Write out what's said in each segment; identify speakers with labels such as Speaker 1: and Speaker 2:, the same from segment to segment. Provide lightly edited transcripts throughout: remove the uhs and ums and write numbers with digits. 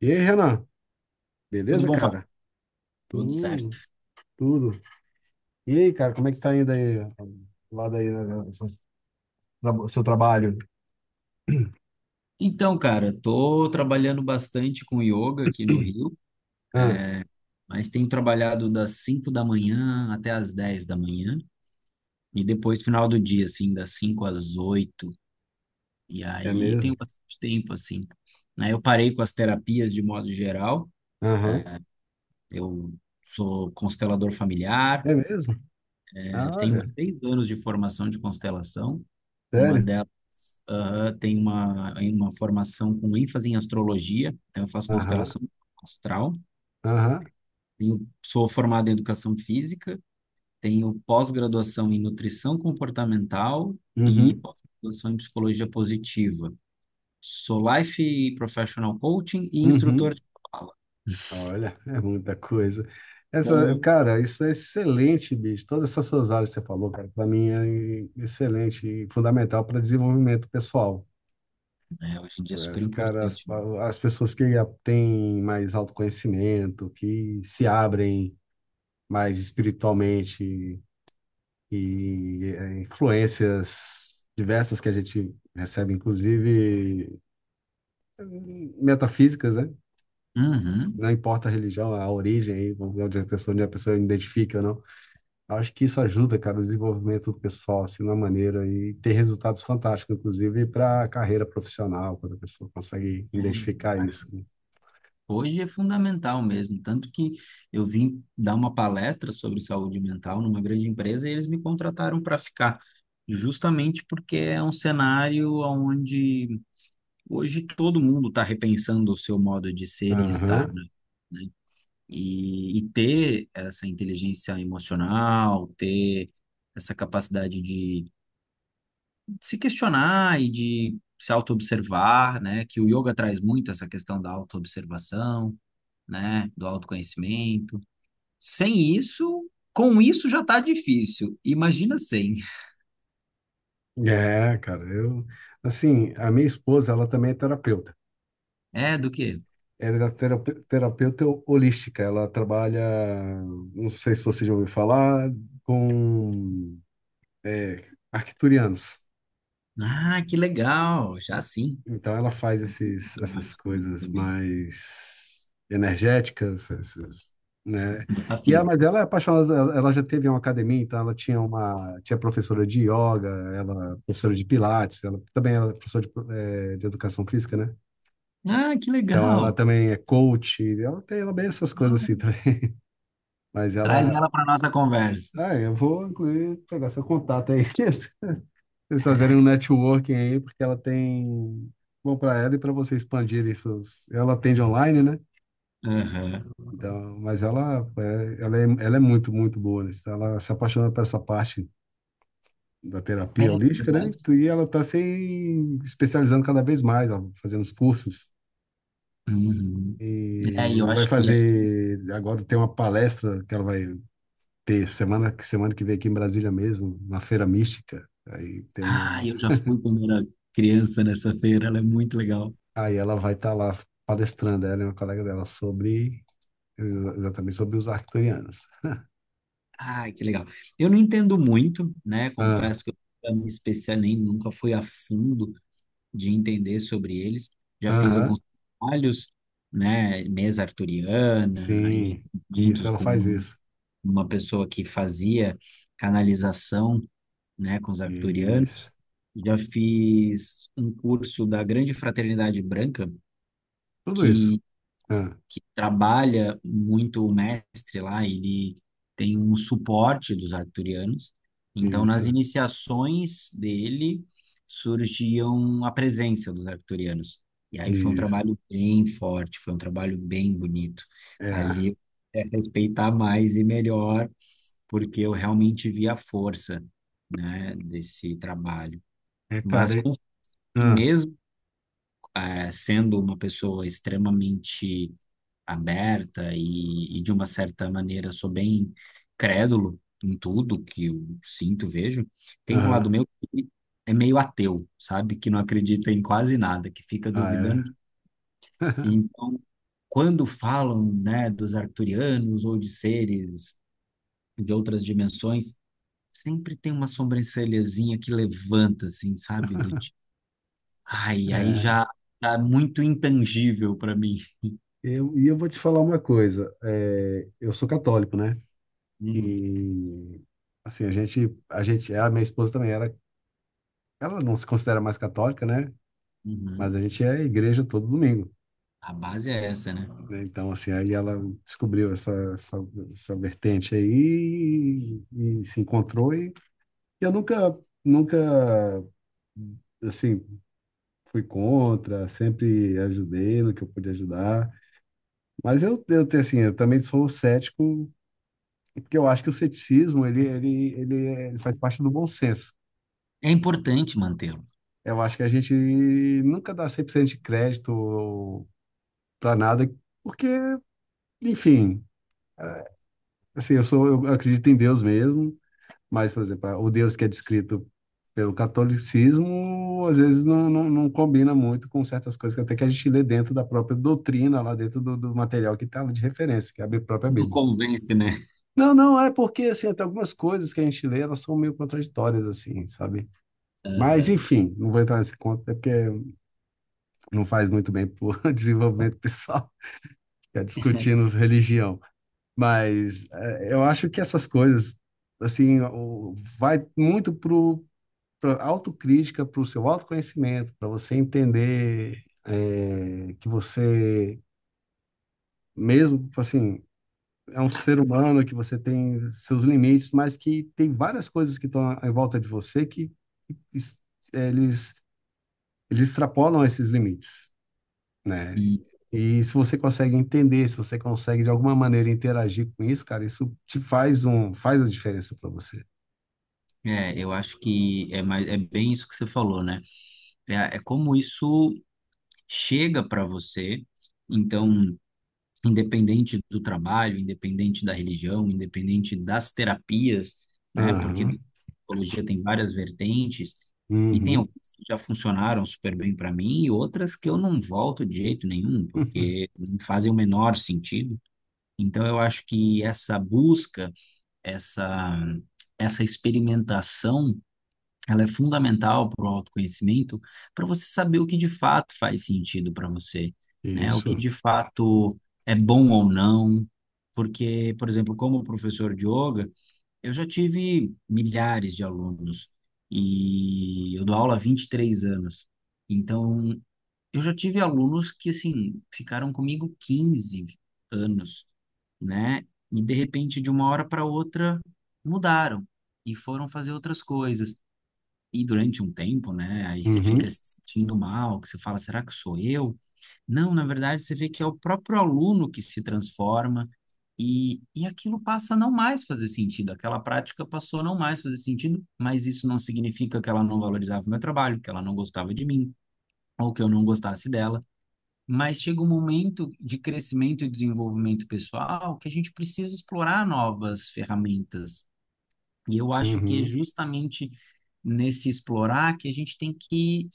Speaker 1: E aí, Renan?
Speaker 2: Tudo
Speaker 1: Beleza,
Speaker 2: bom, Fábio?
Speaker 1: cara?
Speaker 2: Tudo certo.
Speaker 1: Tudo, tudo. E aí, cara, como é que tá indo aí, lá daí, né, o seu trabalho?
Speaker 2: Então, cara, tô trabalhando bastante com yoga aqui no Rio,
Speaker 1: Ah,
Speaker 2: mas tenho trabalhado das 5 da manhã até as 10 da manhã e depois final do dia, assim, das 5 às 8. E
Speaker 1: é
Speaker 2: aí
Speaker 1: mesmo?
Speaker 2: tenho bastante tempo, assim. Aí eu parei com as terapias de modo geral.
Speaker 1: Aham.
Speaker 2: Eu sou constelador familiar.
Speaker 1: É mesmo? Ah,
Speaker 2: Eu tenho
Speaker 1: olha,
Speaker 2: 6 anos de formação de constelação. Uma
Speaker 1: sério?
Speaker 2: delas, aham, tem uma formação com ênfase em astrologia, então eu faço
Speaker 1: Aham,
Speaker 2: constelação astral.
Speaker 1: aham,
Speaker 2: Tenho, sou formado em educação física, tenho pós-graduação em nutrição comportamental e
Speaker 1: uhum,
Speaker 2: pós-graduação em psicologia positiva. Sou life professional coaching e instrutor
Speaker 1: uhum.
Speaker 2: de fala.
Speaker 1: Olha, é muita coisa. Essa,
Speaker 2: Bom,
Speaker 1: cara, isso é excelente, bicho. Todas essas suas áreas que você falou, cara, para mim é excelente e fundamental para desenvolvimento pessoal.
Speaker 2: né, hoje em dia é super
Speaker 1: Cara, as,
Speaker 2: importante, né?
Speaker 1: as pessoas que têm mais autoconhecimento, que se abrem mais espiritualmente e influências diversas que a gente recebe, inclusive metafísicas, né?
Speaker 2: Uhum.
Speaker 1: Não importa a religião, a origem, aí, vamos ver onde a pessoa identifica ou não. Eu acho que isso ajuda, cara, o desenvolvimento pessoal, assim, de uma maneira, e ter resultados fantásticos, inclusive para a carreira profissional, quando a pessoa consegue
Speaker 2: É,
Speaker 1: identificar isso, né?
Speaker 2: hoje é fundamental mesmo, tanto que eu vim dar uma palestra sobre saúde mental numa grande empresa e eles me contrataram para ficar, justamente porque é um cenário onde hoje todo mundo está repensando o seu modo de ser e estar,
Speaker 1: Aham.
Speaker 2: né? E ter essa inteligência emocional, ter essa capacidade de se questionar e de se autoobservar, né? Que o yoga traz muito essa questão da autoobservação, né, do autoconhecimento. Sem isso, com isso já tá difícil. Imagina sem.
Speaker 1: É, cara, eu, assim, a minha esposa, ela também é terapeuta.
Speaker 2: É, do quê?
Speaker 1: Ela é terapeuta holística. Ela trabalha, não sei se você já ouviu falar, com é, arcturianos.
Speaker 2: Ah, que legal, já sim.
Speaker 1: Então, ela faz
Speaker 2: Eu fiz
Speaker 1: essas
Speaker 2: trabalhos com eles
Speaker 1: coisas
Speaker 2: também,
Speaker 1: mais energéticas, esses, né? E ela, mas ela
Speaker 2: metafísicas.
Speaker 1: é apaixonada. Ela já teve uma academia, então ela tinha professora de yoga, ela é professora de pilates, ela também era professora de educação física, né?
Speaker 2: Ah, que
Speaker 1: Então ela
Speaker 2: legal.
Speaker 1: também é coach, ela é bem essas coisas assim
Speaker 2: Ah,
Speaker 1: também. Mas
Speaker 2: traz ela para nossa conversa.
Speaker 1: eu vou incluir pegar seu contato aí. Vocês fazerem um networking aí, porque ela tem bom para ela e para você expandir isso. Ela atende online, né?
Speaker 2: Aham.
Speaker 1: Então, mas ela é muito, muito boa nisso. Então, ela se apaixonou por essa parte da
Speaker 2: É,
Speaker 1: terapia holística, né?
Speaker 2: verdade.
Speaker 1: E ela está se especializando cada vez mais, ó, fazendo os cursos.
Speaker 2: Uhum. É, e
Speaker 1: E
Speaker 2: eu
Speaker 1: vai
Speaker 2: acho que.
Speaker 1: fazer, agora tem uma palestra que ela vai ter semana que vem aqui em Brasília mesmo, na Feira Mística. Aí tem
Speaker 2: Ah,
Speaker 1: uma,
Speaker 2: eu já fui quando era criança nessa feira, ela é muito legal.
Speaker 1: aí ela vai estar lá palestrando, ela e uma colega dela sobre exatamente sobre os arcturianos.
Speaker 2: Ai, que legal. Eu não entendo muito, né?
Speaker 1: Ah,
Speaker 2: Confesso que eu nunca me especial nem nunca fui a fundo de entender sobre eles. Já fiz
Speaker 1: aham,
Speaker 2: alguns trabalhos, né? Mesa arturiana e
Speaker 1: sim. Isso,
Speaker 2: eventos
Speaker 1: ela faz
Speaker 2: com
Speaker 1: isso.
Speaker 2: uma pessoa que fazia canalização, né? Com os arturianos.
Speaker 1: Isso.
Speaker 2: Já fiz um curso da Grande Fraternidade Branca,
Speaker 1: Tudo isso.
Speaker 2: que
Speaker 1: Ah,
Speaker 2: que trabalha muito o mestre lá, ele tem um suporte dos arcturianos. Então, nas
Speaker 1: isso.
Speaker 2: iniciações dele, surgiam a presença dos arcturianos. E aí foi um
Speaker 1: Isso.
Speaker 2: trabalho bem forte, foi um trabalho bem bonito.
Speaker 1: É.
Speaker 2: Ali é respeitar mais e melhor, porque eu realmente vi a força, né, desse trabalho.
Speaker 1: É,
Speaker 2: Mas
Speaker 1: cara. É.
Speaker 2: com que
Speaker 1: Ah,
Speaker 2: mesmo sendo uma pessoa extremamente aberta de uma certa maneira, sou bem crédulo em tudo que eu sinto, vejo. Tem um lado
Speaker 1: aham.
Speaker 2: meu que é meio ateu, sabe? Que não acredita em quase nada, que fica
Speaker 1: Ah, é.
Speaker 2: duvidando. E então, quando falam, né, dos arcturianos ou de seres de outras dimensões, sempre tem uma sobrancelhazinha que levanta, assim, sabe? Do tipo, ai, aí
Speaker 1: É.
Speaker 2: já tá muito intangível para mim.
Speaker 1: E eu vou te falar uma coisa. É, eu sou católico, né?
Speaker 2: Hum,
Speaker 1: E assim, a minha esposa também era, ela não se considera mais católica, né? Mas
Speaker 2: uhum.
Speaker 1: a gente é à igreja todo domingo,
Speaker 2: A base é essa, né?
Speaker 1: né? Então, assim, aí ela descobriu essa vertente aí e, se encontrou e eu nunca, nunca, assim, fui contra, sempre ajudei no que eu pude ajudar. Mas eu tenho, assim, eu também sou cético, porque eu acho que o ceticismo, ele faz parte do bom senso.
Speaker 2: É importante mantê-lo.
Speaker 1: Eu acho que a gente nunca dá 100% de crédito para nada, porque, enfim, é, assim, eu sou, eu acredito em Deus mesmo, mas, por exemplo, o Deus que é descrito pelo catolicismo, às vezes não, não, não combina muito com certas coisas que até que a gente lê dentro da própria doutrina, lá dentro do, do material que está de referência, que é a própria
Speaker 2: Não
Speaker 1: Bíblia.
Speaker 2: convence, né?
Speaker 1: Não, não, é porque, assim, até algumas coisas que a gente lê, elas são meio contraditórias, assim, sabe? Mas,
Speaker 2: Aham.
Speaker 1: enfim, não vou entrar nesse conto, é porque não faz muito bem para o desenvolvimento pessoal, ficar discutindo religião. Mas eu acho que essas coisas, assim, vai muito pra autocrítica, para o seu autoconhecimento, para você entender que você, mesmo, assim, é um ser humano, que você tem seus limites, mas que tem várias coisas que estão em volta de você que es- eles, eles extrapolam esses limites, né?
Speaker 2: Hum.
Speaker 1: E se você consegue entender, se você consegue de alguma maneira interagir com isso, cara, isso faz a diferença para você.
Speaker 2: É, eu acho que é, mais, é bem isso que você falou, né? É, é como isso chega para você. Então, independente do trabalho, independente da religião, independente das terapias, né? Porque a
Speaker 1: Aham.
Speaker 2: psicologia tem várias vertentes e tem
Speaker 1: Uhum.
Speaker 2: algumas que já funcionaram super bem para mim e outras que eu não volto de jeito nenhum, porque não fazem o menor sentido. Então, eu acho que essa busca, essa essa experimentação, ela é fundamental para o autoconhecimento, para você saber o que de fato faz sentido para você, né? O que
Speaker 1: Isso.
Speaker 2: de fato é bom ou não. Porque, por exemplo, como professor de yoga, eu já tive milhares de alunos e eu dou aula há 23 anos. Então, eu já tive alunos que, assim, ficaram comigo 15 anos, né? E, de repente, de uma hora para outra, mudaram e foram fazer outras coisas. E durante um tempo, né? Aí você
Speaker 1: Uhum.
Speaker 2: fica se sentindo mal, que você fala, será que sou eu? Não, na verdade, você vê que é o próprio aluno que se transforma e aquilo passa a não mais fazer sentido. Aquela prática passou a não mais fazer sentido, mas isso não significa que ela não valorizava o meu trabalho, que ela não gostava de mim, ou que eu não gostasse dela. Mas chega um momento de crescimento e desenvolvimento pessoal que a gente precisa explorar novas ferramentas. E eu acho que é
Speaker 1: Uhum.
Speaker 2: justamente nesse explorar que a gente tem que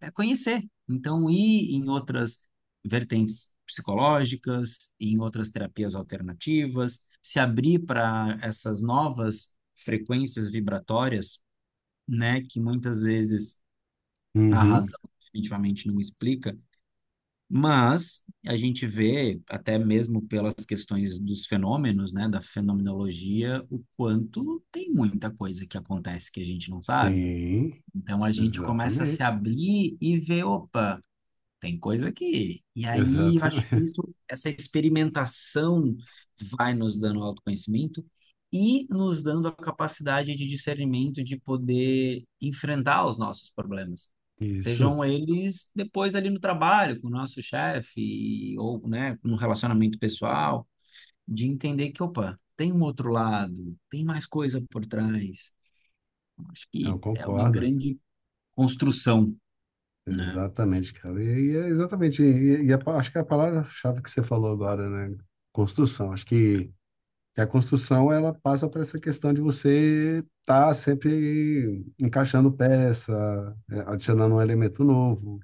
Speaker 2: é, conhecer. Então, ir em outras vertentes psicológicas, em outras terapias alternativas, se abrir para essas novas frequências vibratórias, né, que muitas vezes a
Speaker 1: Uhum.
Speaker 2: razão definitivamente não explica. Mas a gente vê, até mesmo pelas questões dos fenômenos, né, da fenomenologia, o quanto tem muita coisa que acontece que a gente não sabe.
Speaker 1: Sim,
Speaker 2: Então a gente começa a se
Speaker 1: exatamente.
Speaker 2: abrir e ver, opa. Tem coisa que. E aí, eu acho que
Speaker 1: Exatamente.
Speaker 2: isso, essa experimentação vai nos dando autoconhecimento e nos dando a capacidade de discernimento de poder enfrentar os nossos problemas.
Speaker 1: Isso.
Speaker 2: Sejam eles depois ali no trabalho, com o nosso chefe, ou, né, no relacionamento pessoal, de entender que, opa, tem um outro lado, tem mais coisa por trás. Eu acho
Speaker 1: Eu
Speaker 2: que é uma
Speaker 1: concordo.
Speaker 2: grande construção, né?
Speaker 1: Exatamente, cara. E é exatamente. Acho que a palavra-chave que você falou agora, né? Construção. Acho que E a construção, ela passa por essa questão de você estar sempre encaixando peça, adicionando um elemento novo,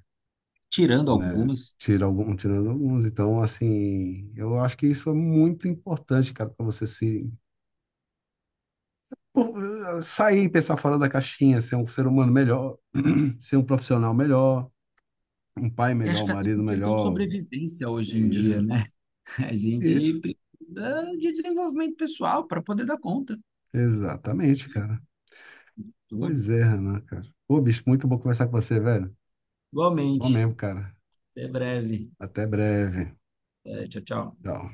Speaker 2: Tirando
Speaker 1: né?
Speaker 2: algumas.
Speaker 1: Tirando alguns. Então, assim, eu acho que isso é muito importante, cara, para você se pô, sair, pensar fora da caixinha, ser um ser humano melhor, ser um profissional melhor, um pai
Speaker 2: E
Speaker 1: melhor,
Speaker 2: acho
Speaker 1: um
Speaker 2: que até
Speaker 1: marido
Speaker 2: por questão de
Speaker 1: melhor.
Speaker 2: sobrevivência hoje em dia,
Speaker 1: Isso,
Speaker 2: né? A
Speaker 1: isso,
Speaker 2: gente precisa de desenvolvimento pessoal para poder dar conta de
Speaker 1: exatamente, cara.
Speaker 2: tudo.
Speaker 1: Pois é, Renan, cara. Ô, bicho, muito bom conversar com você, velho. Bom
Speaker 2: Igualmente.
Speaker 1: mesmo, cara.
Speaker 2: Até breve.
Speaker 1: Até breve.
Speaker 2: É, tchau, tchau.
Speaker 1: Tchau.